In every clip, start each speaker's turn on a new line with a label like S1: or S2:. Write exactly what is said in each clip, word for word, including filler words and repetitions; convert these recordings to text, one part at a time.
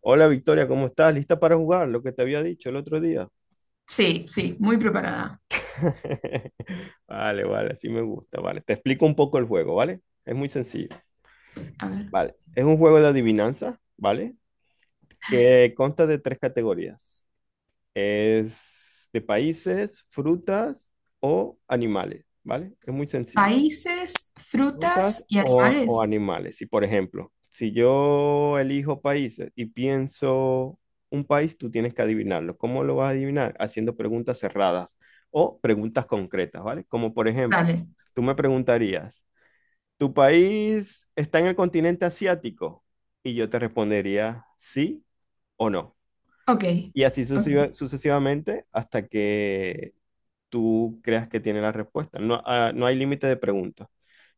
S1: Hola Victoria, ¿cómo estás? ¿Lista para jugar? Lo que te había dicho el otro día.
S2: Sí, sí, muy preparada.
S1: Vale, vale, así me gusta, vale. Te explico un poco el juego, ¿vale? Es muy sencillo,
S2: A ver.
S1: ¿vale? Es un juego de adivinanza, ¿vale? Que consta de tres categorías. Es de países, frutas o animales, ¿vale? Es muy sencillo.
S2: Países,
S1: Frutas
S2: frutas y
S1: o, o
S2: animales.
S1: animales. Y por ejemplo, si yo elijo países y pienso un país, tú tienes que adivinarlo. ¿Cómo lo vas a adivinar? Haciendo preguntas cerradas o preguntas concretas, ¿vale? Como por ejemplo,
S2: Dale.
S1: tú me preguntarías, ¿tu país está en el continente asiático? Y yo te respondería sí o no.
S2: Ok,
S1: Y así
S2: ok.
S1: sucesiva- sucesivamente hasta que tú creas que tiene la respuesta. No, ah, no hay límite de preguntas.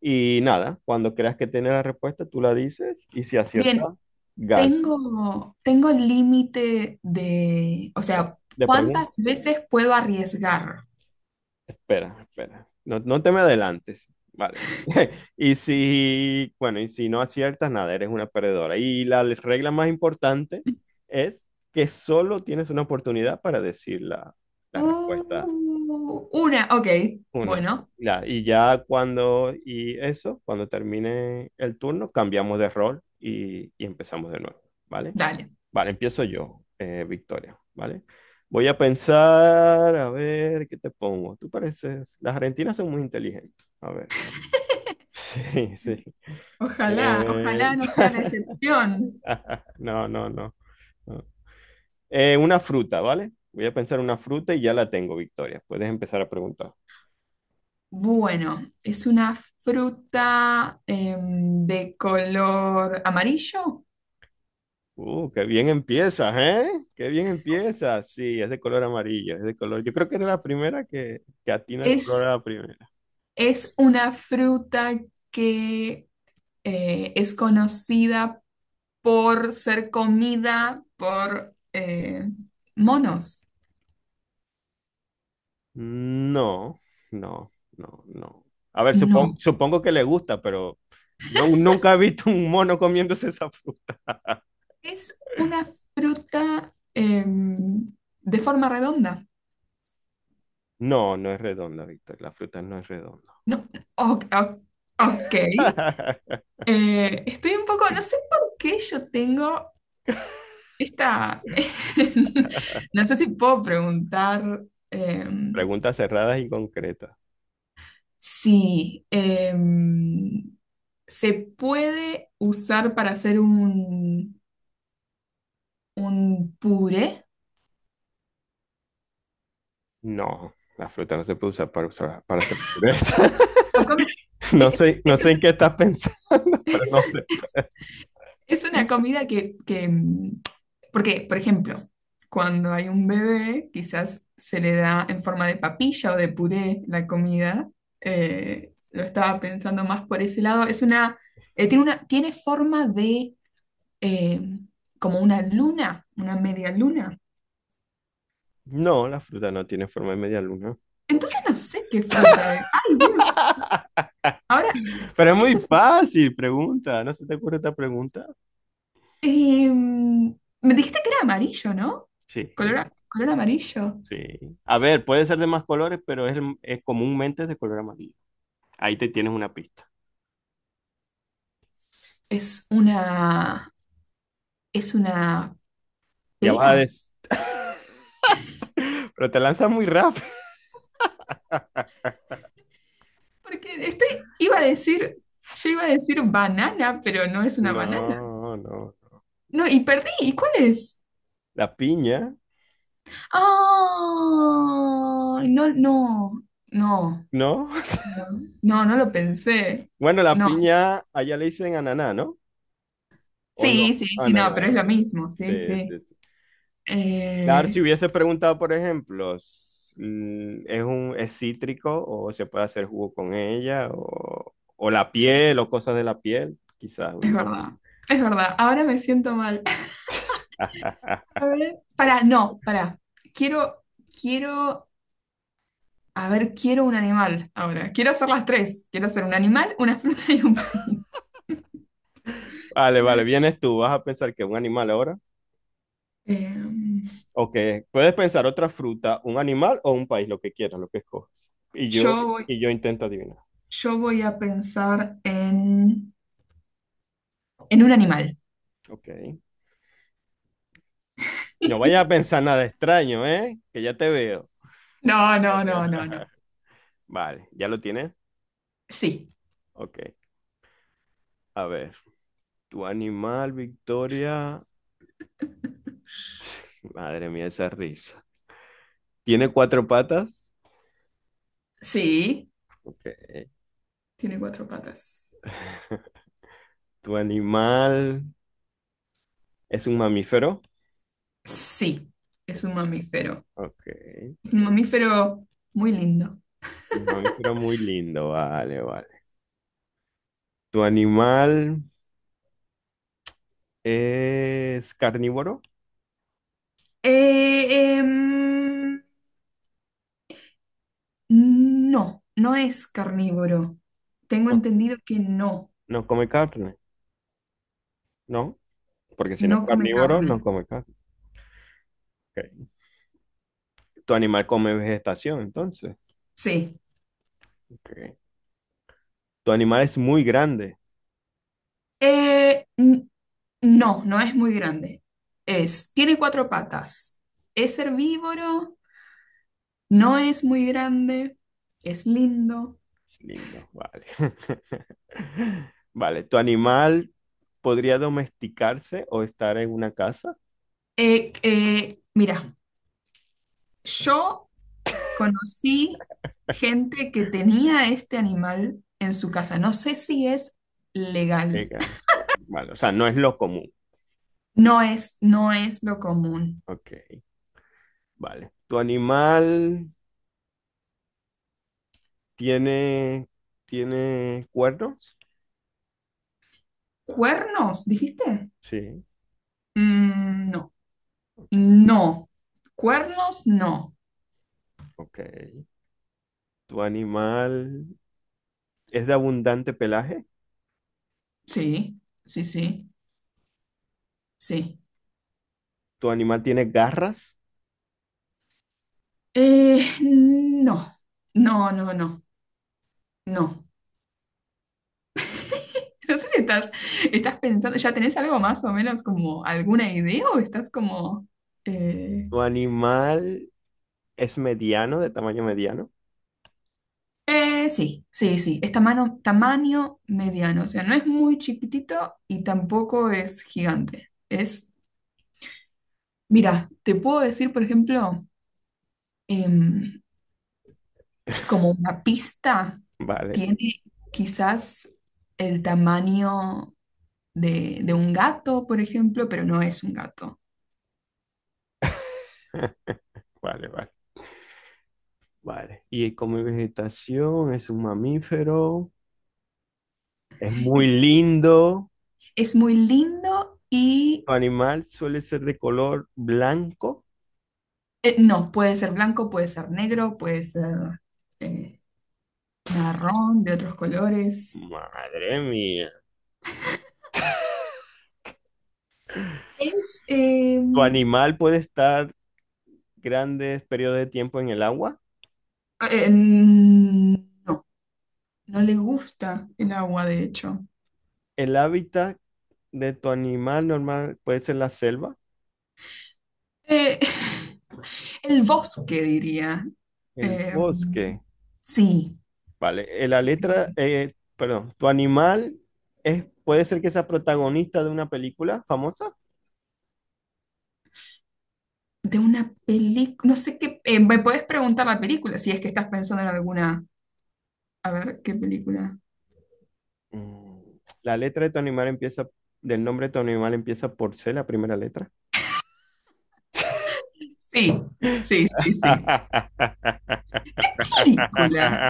S1: Y nada, cuando creas que tiene la respuesta, tú la dices y si acierta,
S2: Bien,
S1: gana.
S2: tengo, tengo el límite de, o sea,
S1: De pregunta.
S2: ¿cuántas veces puedo arriesgar?
S1: Espera, espera. No, no te me adelantes. Vale. Y si, bueno, y si no aciertas, nada, eres una perdedora. Y la regla más importante es que solo tienes una oportunidad para decir la, la respuesta.
S2: Uh, una, ok.
S1: Una.
S2: Bueno,
S1: Ya, y ya cuando, y eso, cuando termine el turno, cambiamos de rol y, y empezamos de nuevo, ¿vale?
S2: dale.
S1: Vale, empiezo yo, eh, Victoria, ¿vale? Voy a pensar, a ver, ¿qué te pongo? Tú pareces, las argentinas son muy inteligentes, a ver. Sí, sí.
S2: Ojalá, ojalá
S1: Eh,
S2: no sea la excepción.
S1: No, no, no. No. Eh, una fruta, ¿vale? Voy a pensar una fruta y ya la tengo, Victoria. Puedes empezar a preguntar.
S2: Bueno, es una fruta em, de color amarillo.
S1: Uh, qué bien empiezas, ¿eh? Qué bien empiezas. Sí, es de color amarillo, es de color. Yo creo que es la primera que, que atina el color a
S2: Es
S1: la primera.
S2: Es una fruta que eh, es conocida por ser comida por eh, monos.
S1: No, no, no, no. A ver, supongo,
S2: No,
S1: supongo que le gusta, pero no, nunca he visto un mono comiéndose esa fruta.
S2: es una fruta em, de forma redonda.
S1: No, no es redonda, Víctor. La fruta no es redonda.
S2: No, o- o- ok. Eh, estoy un poco, no sé por qué yo tengo esta, no sé si puedo preguntar em,
S1: Preguntas cerradas y concretas.
S2: si... em, se puede usar para hacer un, un puré.
S1: No, la fruta no se puede usar para, usar- para hacer pureza.
S2: Lo come-
S1: No
S2: es,
S1: sé, no
S2: es
S1: sé
S2: un-
S1: en qué estás pensando, pero no
S2: es
S1: se puede.
S2: es una comida que, que, mm, porque, por ejemplo, cuando hay un bebé, quizás se le da en forma de papilla o de puré la comida. Eh, lo estaba pensando más por ese lado. Es una, eh, tiene una, tiene forma de eh, como una luna, una media luna.
S1: No, la fruta no tiene forma de media luna.
S2: Entonces no sé qué fruta es. ¡Ay, Dios! Ahora,
S1: Pero es muy
S2: esta es
S1: fácil, pregunta. ¿No se te ocurre esta pregunta?
S2: Em, me dijiste que era amarillo, ¿no?
S1: Sí,
S2: Color, color amarillo.
S1: sí. A ver, puede ser de más colores, pero es, el- es comúnmente de color amarillo. Ahí te tienes una pista.
S2: Es una, es una
S1: Ya vas a
S2: pera.
S1: des, pero te lanzas muy rápido.
S2: Porque estoy, iba a decir, yo iba a decir banana, pero no es una banana.
S1: No, no.
S2: No, y perdí. ¿Y cuál es?
S1: La piña,
S2: Ah, no, no, no,
S1: ¿no?
S2: no, no lo pensé.
S1: Bueno, la
S2: No.
S1: piña allá le dicen ananá, ¿no? ¿O
S2: Sí,
S1: no?
S2: sí, sí, no,
S1: Ananá,
S2: pero es lo
S1: sí.
S2: mismo. Sí,
S1: Sí,
S2: sí.
S1: sí, sí. Claro, si
S2: Eh,
S1: hubiese preguntado, por ejemplo, s- mm, ¿es un es cítrico o se puede hacer jugo con ella o, o la piel
S2: sí,
S1: o cosas de la piel? Quizás
S2: es
S1: hubiese.
S2: verdad. Es verdad. Ahora me siento mal. A ver, para, no, para. Quiero, quiero, a ver, quiero un animal ahora. Quiero hacer las tres. Quiero hacer un animal, una fruta y un país.
S1: Vale, vale, vienes tú, vas a pensar que es un animal ahora
S2: Eh,
S1: o que puedes pensar otra fruta, un animal o un país, lo que quieras, lo que escoges. Y yo
S2: yo voy,
S1: y yo intento adivinar.
S2: yo voy a pensar en, en un animal.
S1: Ok. No vayas a pensar nada extraño, ¿eh? Que ya te veo.
S2: No, no, no, no, no.
S1: Vale, ¿ya lo tienes?
S2: Sí,
S1: Ok. A ver, tu animal, Victoria. Madre mía, esa risa. ¿Tiene cuatro patas?
S2: sí.
S1: Ok.
S2: Tiene cuatro patas.
S1: ¿Tu animal es un mamífero?
S2: Sí, es un mamífero.
S1: Ok.
S2: Un mamífero muy lindo.
S1: Un mamífero muy lindo, vale, vale. ¿Tu animal es carnívoro?
S2: Eh, em, No, no es carnívoro. Tengo
S1: No,
S2: entendido que no,
S1: no come carne, ¿no? Porque si no es
S2: no come
S1: carnívoro, no
S2: carne.
S1: come carne. Ok. ¿Tu animal come vegetación, entonces?
S2: Sí.
S1: Ok. ¿Tu animal es muy grande?
S2: Eh, n- no, no es muy grande. Es, tiene cuatro patas. Es herbívoro, no es muy grande, es lindo.
S1: Es lindo, vale. Vale, ¿tu animal podría domesticarse o estar en una casa?
S2: Eh, eh, mira, yo conocí gente que tenía este animal en su casa. No sé si es legal.
S1: Venga. Vale, o sea, no es lo común.
S2: No es, no es lo común.
S1: Ok, vale. ¿Tu animal tiene, tiene cuernos?
S2: ¿Cuernos, dijiste?
S1: Sí.
S2: Mm, no,
S1: Ok,
S2: no. Cuernos, no.
S1: ok. ¿Tu animal es de abundante pelaje?
S2: Sí, sí, sí, sí.
S1: ¿Tu animal tiene garras?
S2: Eh, no, no, no, no, no. No sé si estás, estás pensando, ¿ya tenés algo más o menos como alguna idea o estás como... eh,
S1: ¿Tu animal es mediano, de tamaño mediano?
S2: eh, sí, sí, sí, es tamaño, tamaño mediano, o sea, no es muy chiquitito y tampoco es gigante. Es, mira, te puedo decir, por ejemplo, em, como una pista,
S1: Vale,
S2: tiene quizás el tamaño de, de un gato, por ejemplo, pero no es un gato.
S1: vale, vale. Vale. Y come vegetación, es un mamífero, es muy lindo.
S2: Es muy lindo y
S1: Su animal suele ser de color blanco.
S2: eh, no, puede ser blanco, puede ser negro, puede ser eh, marrón, de otros colores.
S1: Madre mía.
S2: Es, eh,
S1: Tu animal puede estar grandes periodos de tiempo en el agua.
S2: eh, no, no le gusta el agua, de hecho.
S1: El hábitat de tu animal normal puede ser la selva,
S2: Eh, el bosque, diría.
S1: el
S2: Eh,
S1: bosque.
S2: sí.
S1: Vale, eh, la letra, eh, perdón, tu animal es, puede ser que sea protagonista de una película famosa.
S2: De una película, no sé qué, eh, me puedes preguntar la película si es que estás pensando en alguna, a ver, ¿qué película?
S1: Mm, La letra de tu animal empieza, del nombre de tu animal empieza por C, la primera letra.
S2: Sí, sí, sí, sí. Película.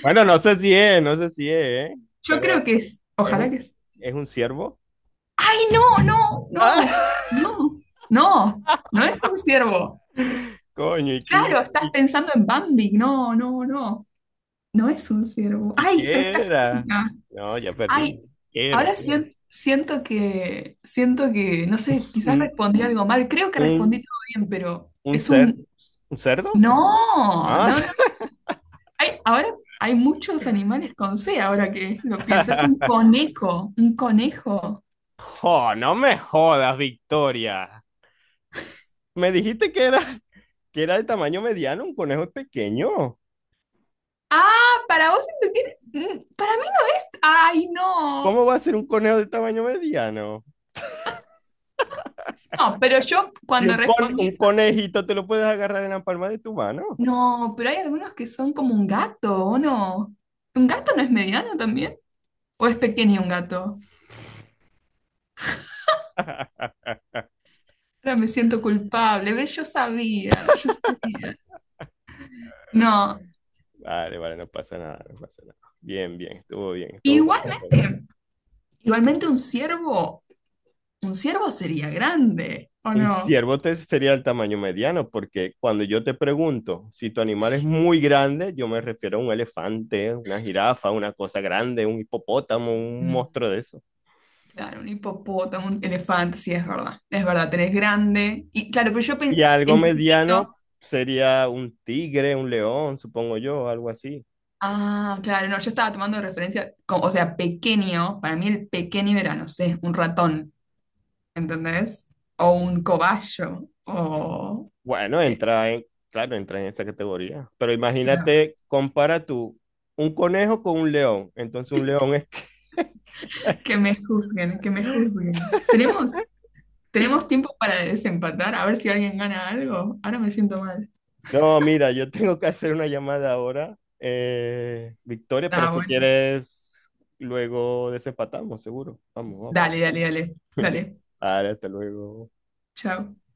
S1: Bueno, no sé si es, no sé si es, ¿eh?
S2: Yo creo
S1: Pero
S2: que es,
S1: es
S2: ojalá que
S1: un,
S2: es.
S1: es un ciervo.
S2: ¡Ay, no, no, no,
S1: ¡Ah!
S2: no, no! No es un ciervo.
S1: Coño, ¿y qué,
S2: Claro, estás
S1: y,
S2: pensando en Bambi. No, no, no. No es un ciervo.
S1: y
S2: ¡Ay, pero
S1: qué
S2: estás
S1: era?
S2: cerca!
S1: No, ya
S2: ¡Ay!
S1: perdí. ¿Qué era?
S2: Ahora
S1: ¿Qué era?
S2: sien- siento que, siento que, no sé, quizás
S1: ¿Un,
S2: respondí algo mal. Creo que respondí
S1: un,
S2: todo bien, pero
S1: un
S2: es
S1: cer,
S2: un...
S1: un cerdo?
S2: No,
S1: Ah.
S2: no, no. Hay, ahora hay muchos animales con C, ahora que lo pienso. Es un conejo, un conejo.
S1: Oh, no me jodas, Victoria. Me dijiste que era que era de tamaño mediano, un conejo es pequeño.
S2: Ah, para vos esto tiene- mm, Para mí no es. Ay, no.
S1: ¿Cómo va a ser un conejo de tamaño mediano?
S2: No, pero yo
S1: Si
S2: cuando
S1: un, con-
S2: respondí
S1: un
S2: eso.
S1: conejito te lo puedes agarrar en la palma de tu mano.
S2: No, pero hay algunos que son como un gato, ¿o no? ¿Un gato no es mediano también? ¿O es pequeño un gato? Ahora me siento culpable. ¿Ves? Yo sabía, yo sabía. No,
S1: Vale, vale, no pasa nada, no pasa nada. Bien, bien, estuvo bien, estuvo bueno.
S2: igualmente, igualmente un ciervo. Un ciervo sería grande, ¿o
S1: Un
S2: no?
S1: ciervo te sería el tamaño mediano, porque cuando yo te pregunto si tu animal es muy grande, yo me refiero a un elefante, una jirafa, una cosa grande, un hipopótamo, un
S2: Mm,
S1: monstruo de eso.
S2: claro, un hipopótamo, un elefante, sí, es verdad. Es verdad, tenés grande. Y claro, pero yo
S1: Y
S2: pensé
S1: algo
S2: en chiquito.
S1: mediano sería un tigre, un león, supongo yo, algo así.
S2: Ah, claro, no, yo estaba tomando de referencia, como- o sea, pequeño. Para mí el pequeño era, no sé, un ratón, ¿entendés? O un cobayo, o...
S1: Bueno,
S2: eh,
S1: entra en, claro, entra en esa categoría. Pero
S2: claro,
S1: imagínate, compara tú un conejo con un león. Entonces un león es...
S2: que me juzguen, que me juzguen. ¿Tenemos, tenemos tiempo para desempatar? A ver si alguien gana algo. Ahora me siento mal.
S1: No, mira, yo tengo que hacer una llamada ahora, eh, Victoria, pero
S2: Ah,
S1: si
S2: bueno.
S1: quieres, luego desempatamos, seguro. Vamos, vamos.
S2: Dale, dale, dale. Dale.
S1: Vale, hasta luego.
S2: Chao.